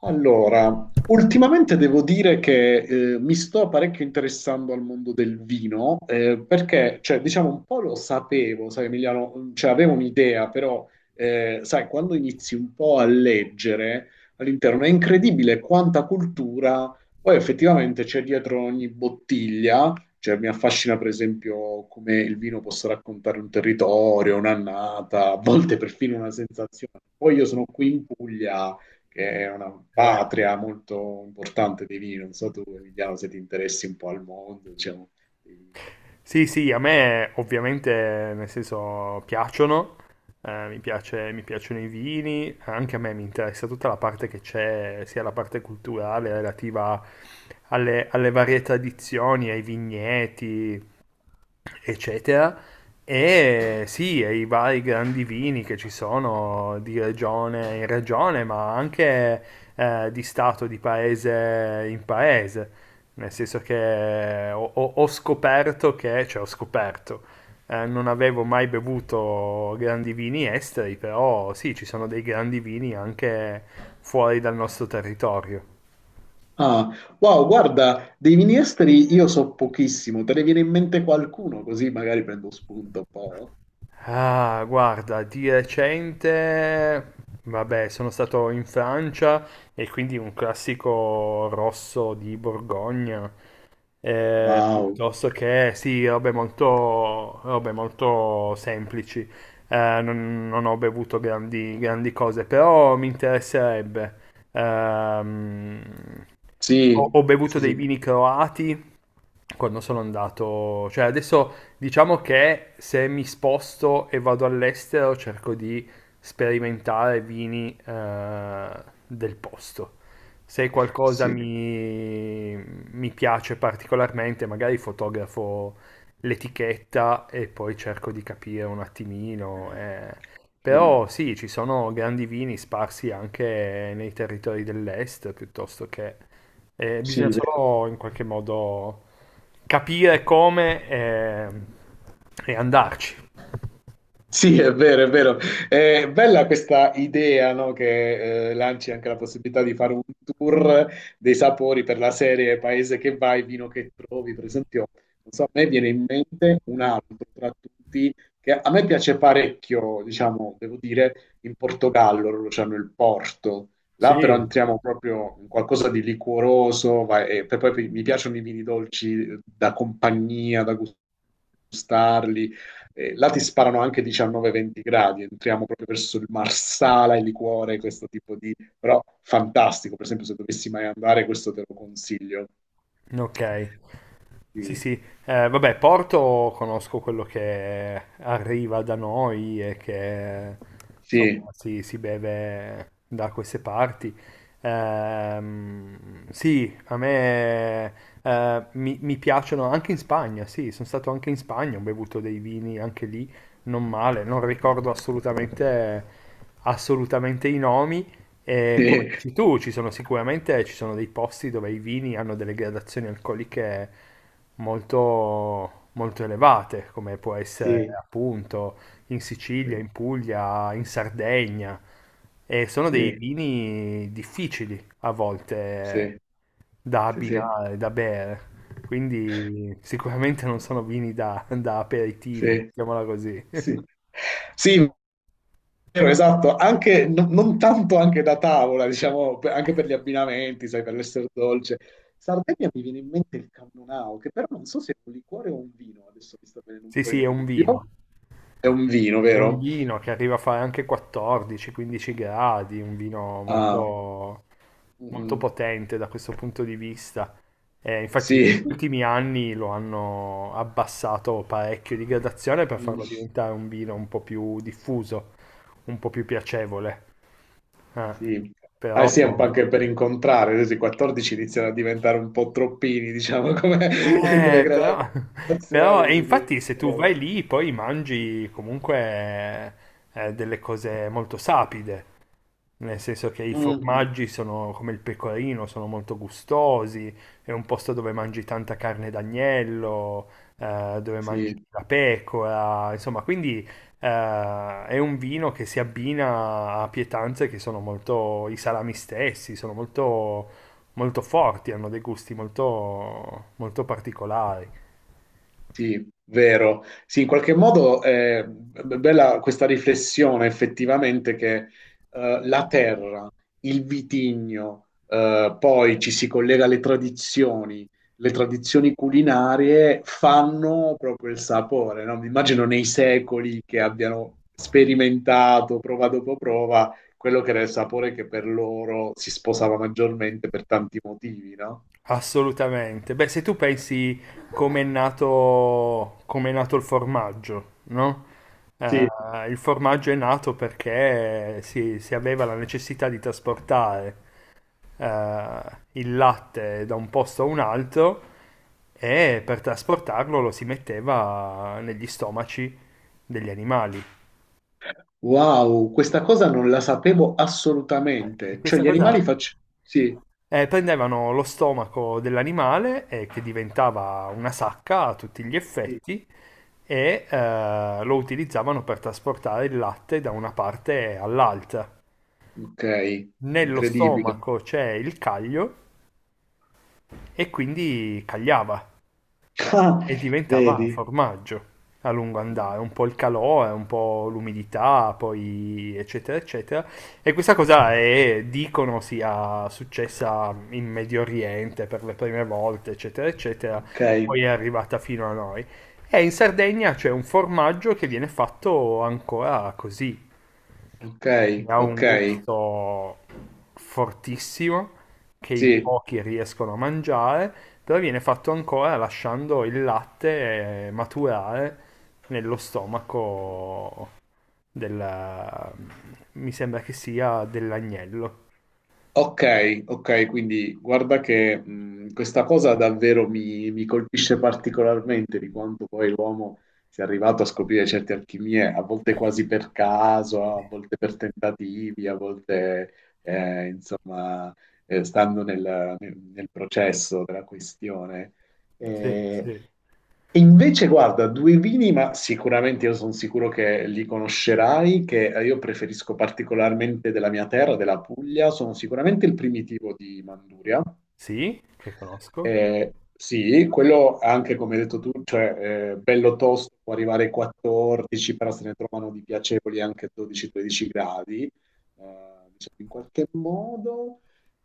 Allora, ultimamente devo dire che mi sto parecchio interessando al mondo del vino, perché, cioè, diciamo, un po' lo sapevo, sai, Emiliano, cioè, avevo un'idea, però, sai, quando inizi un po' a leggere all'interno è incredibile quanta cultura poi effettivamente c'è dietro ogni bottiglia. Cioè, mi affascina, per esempio, come il vino possa raccontare un territorio, un'annata, a volte perfino una sensazione. Poi io sono qui in Puglia che è una Eh, patria molto importante dei vini. Non so tu, Emiliano, se ti interessi un po' al mondo, diciamo. Vini. sì, sì, a me ovviamente nel senso piacciono, mi piacciono i vini, anche a me mi interessa tutta la parte che c'è, sia la parte culturale relativa alle varie tradizioni, ai vigneti, eccetera. E sì, e i vari grandi vini che ci sono di regione in regione, ma anche di stato, di paese in paese. Nel senso che ho scoperto che, cioè ho scoperto, non avevo mai bevuto grandi vini esteri, però sì, ci sono dei grandi vini anche fuori dal nostro territorio. Ah, wow, guarda, dei vini esteri io so pochissimo, te ne viene in mente qualcuno così magari prendo spunto un po'. Ah, guarda, di recente, vabbè, sono stato in Francia e quindi un classico rosso di Borgogna, Wow, piuttosto che, sì, robe molto semplici. Non ho bevuto grandi cose, però mi interesserebbe. Ehm, sì, ho bevuto sì, dei sì, vini croati quando sono andato, cioè adesso diciamo che se mi sposto e vado all'estero cerco di sperimentare vini del posto. Se sì, mi piace particolarmente, magari fotografo l'etichetta e poi cerco di capire un attimino. Sì, mm, Però sì, ci sono grandi vini sparsi anche nei territori dell'est, piuttosto che... bisogna sì, vero. solo in qualche modo capire come e andarci. Sì, è vero, è vero. È bella questa idea, no, che lanci anche la possibilità di fare un tour dei sapori per la serie Paese che vai, vino che trovi. Per esempio, non so, a me viene in mente un altro tra tutti che a me piace parecchio, diciamo, devo dire, in Portogallo, loro c'hanno il Porto. Là però Sì. entriamo proprio in qualcosa di liquoroso, e poi mi piacciono i vini dolci, da compagnia, da gustarli, là ti sparano anche 19-20 gradi, entriamo proprio verso il Marsala, il liquore, questo tipo di. Però fantastico, per esempio se dovessi mai andare questo te lo consiglio. Ok. Sì, Sì, sì. Vabbè, Porto conosco quello che arriva da noi e che insomma, sì, si beve da queste parti. Sì, a me mi piacciono anche in Spagna, sì, sono stato anche in Spagna, ho bevuto dei vini anche lì, non male, non ricordo assolutamente, assolutamente i nomi. E come sì, dici tu, ci sono dei posti dove i vini hanno delle gradazioni alcoliche molto elevate, come può essere sì, appunto in sì, Sicilia, in Puglia, in Sardegna, e sono dei sì, vini difficili a volte sì, da sì, sì, sì. abbinare, da bere, quindi sicuramente non sono vini da aperitivo, mettiamola così. Sì, Sì, vero, esatto, anche, non tanto anche da tavola, diciamo, anche per gli abbinamenti, sai, per l'essere dolce. Sardegna mi viene in mente il cannonau, che però non so se è un liquore o un vino, adesso mi sta venendo un Sì, po' sì, il è un dubbio. vino. È un vino, È un vero? vino che arriva a fare anche 14-15 gradi, un vino Ah, molto, molto mm, potente da questo punto di vista. Infatti, sì, negli ultimi anni lo hanno abbassato parecchio di gradazione per farlo mm, diventare un vino un po' più diffuso, un po' più piacevole. eh. sì. Ah, Però sì, è un po' anche per incontrare, adesso i 14 iniziano a diventare un po' troppini, diciamo, come, come Eh, però, gradazioni, e sì, sì. infatti se È tu vero. vai lì poi mangi comunque delle cose molto sapide, nel senso che i Mm, mm, formaggi sono come il pecorino, sono molto gustosi, è un posto dove mangi tanta carne d'agnello, dove mangi sì. la pecora, insomma, quindi è un vino che si abbina a pietanze che sono molto, i salami stessi, sono molto forti, hanno dei gusti molto, molto particolari. Sì, vero. Sì, in qualche modo è bella questa riflessione effettivamente che, la terra, il vitigno, poi ci si collega alle tradizioni, le tradizioni culinarie fanno proprio il sapore, no? Mi immagino nei secoli che abbiano sperimentato prova dopo prova quello che era il sapore che per loro si sposava maggiormente per tanti motivi, no? Assolutamente. Beh, se tu pensi come è nato il formaggio, no? Il formaggio è nato perché si aveva la necessità di trasportare il latte da un posto a un altro e per trasportarlo lo si metteva negli stomaci degli animali. Wow, questa cosa non la sapevo E assolutamente. Cioè, questa gli cosa animali faccio. Sì, prendevano lo stomaco dell'animale, che diventava una sacca a tutti gli sì. effetti, e lo utilizzavano per trasportare il latte da una parte all'altra. Ok, Nello incredibile. stomaco c'è il caglio e quindi cagliava. Ah, E diventava vedi? formaggio a lungo andare, un po' il calore, un po' l'umidità, poi eccetera eccetera. E questa cosa è, dicono sia successa in Medio Oriente per le prime volte, eccetera eccetera, Ok, poi è arrivata fino a noi. E in Sardegna c'è un formaggio che viene fatto ancora così, ok, ne ha ok, un gusto fortissimo che in sì. pochi riescono a mangiare, però viene fatto ancora lasciando il latte maturare nello stomaco del... mi sembra che sia dell'agnello. Ok, ok, quindi guarda che questa cosa davvero mi colpisce particolarmente di quanto poi l'uomo sia arrivato a scoprire certe alchimie, a volte quasi per caso, a volte per tentativi, a volte, insomma, stando nel, nel processo della questione. Sì, Eh, sì. e invece, guarda, due vini, ma sicuramente io sono sicuro che li conoscerai, che io preferisco particolarmente della mia terra, della Puglia, sono sicuramente il primitivo di Manduria. Sì, che conosco. Sì, quello anche come hai detto tu, cioè bello tosto, può arrivare ai 14, però se ne trovano di piacevoli anche 12-13 gradi. Diciamo, in qualche modo.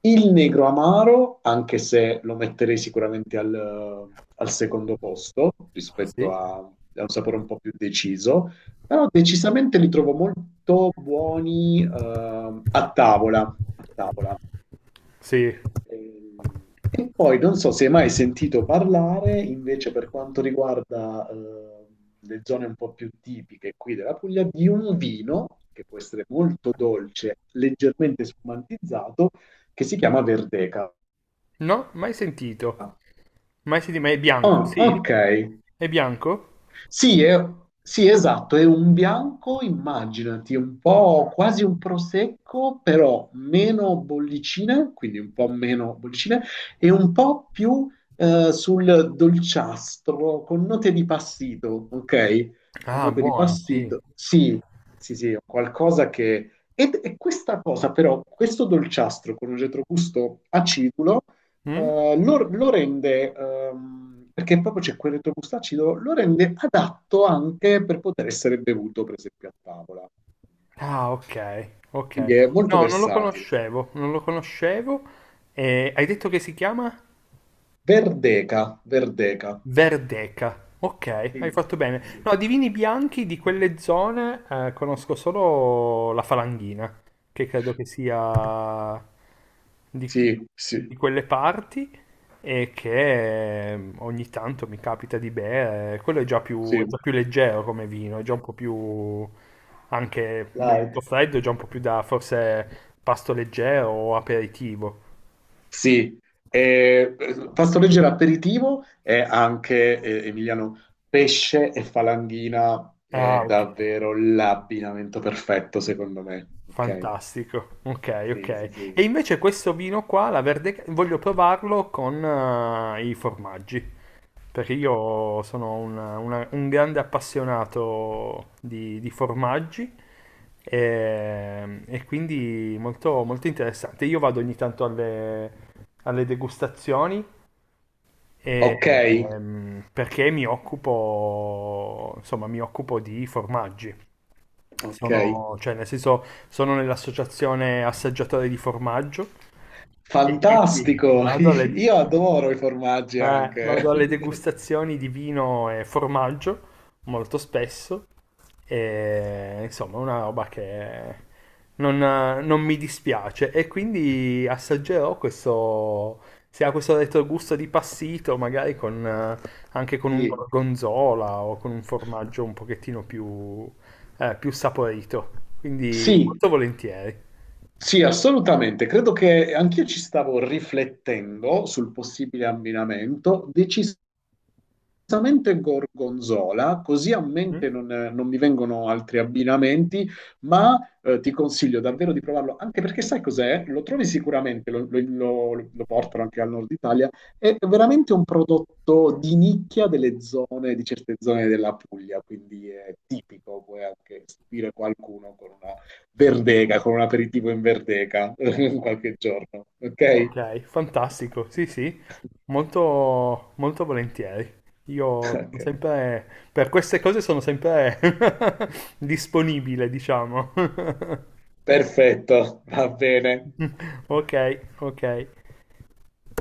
Il Negro Amaro, anche se lo metterei sicuramente al secondo posto rispetto Sì, a un sapore un po' più deciso, però decisamente li trovo molto buoni, a tavola. A tavola. sì. E poi non so se hai mai sentito parlare invece per quanto riguarda le zone un po' più tipiche qui della Puglia di un vino che può essere molto dolce, leggermente spumantizzato, che si chiama Verdeca. No, mai sentito. Mai sentito, ma è bianco, Ah, sì? ok. È bianco? Sì, sì, esatto, è un bianco, immaginati, un po' quasi un prosecco, però meno bollicine, quindi un po' meno bollicine, e un po' più sul dolciastro, con note di passito, ok? Con Ah, note di buono, sì. passito. Sì, sì, sì, è qualcosa che. E questa cosa però, questo dolciastro con un retrogusto acidulo, Mm? Lo rende, perché proprio c'è quel retrogusto acido, lo rende adatto anche per poter essere bevuto, per esempio, a tavola. Ah, ok, ok. Quindi è molto No, non lo versatile. conoscevo, non lo conoscevo. Hai detto che si chiama? Verdeca, Verdeca. Verdeca. Ok, hai Sì, fatto bene. sì, sì. No, di vini bianchi di quelle zone conosco solo la Falanghina, che credo che sia di, Sì, sì, di quelle parti e che ogni tanto mi capita di bere. Quello è già sì. più leggero come vino, è già un po' più anche bevuto Light. freddo, è già un po' più da forse pasto leggero o aperitivo. Sì, eh, pasto leggero aperitivo è anche Emiliano pesce e falanghina è Ah, ok. davvero l'abbinamento perfetto secondo me. Ok? Fantastico, ok, ok. Sì, sì, E sì. invece questo vino qua, la verde, voglio provarlo con i formaggi, perché io sono un grande appassionato di formaggi e quindi molto, molto interessante. Io vado ogni tanto alle degustazioni e, Ok, perché mi occupo, insomma, mi occupo di formaggi. ok. Sono, cioè, nel senso, sono nell'associazione assaggiatori di formaggio e quindi Fantastico, vado io adoro i formaggi anche. vado alle degustazioni di vino e formaggio molto spesso. E, insomma, una roba che non mi dispiace. E quindi assaggerò questo. Se ha questo retrogusto di passito, magari con, anche con un Sì, gorgonzola o con un formaggio un pochettino più, più saporito. Quindi sì, molto volentieri. sì, assolutamente. Credo che anch'io ci stavo riflettendo sul possibile abbinamento. Onestamente gorgonzola, così a Mm? mente non mi vengono altri abbinamenti, ma ti consiglio davvero di provarlo, anche perché sai cos'è? Lo trovi sicuramente, lo portano anche al nord Italia, è veramente un prodotto di nicchia delle zone, di certe zone della Puglia, quindi è tipico, puoi anche stupire qualcuno con una verdeca, con un aperitivo in verdeca qualche giorno, ok? Ok, fantastico, sì, sì, molto, molto volentieri. Io sono Ok, sempre, per queste cose sono sempre disponibile, diciamo. perfetto, va bene. Ok, ok.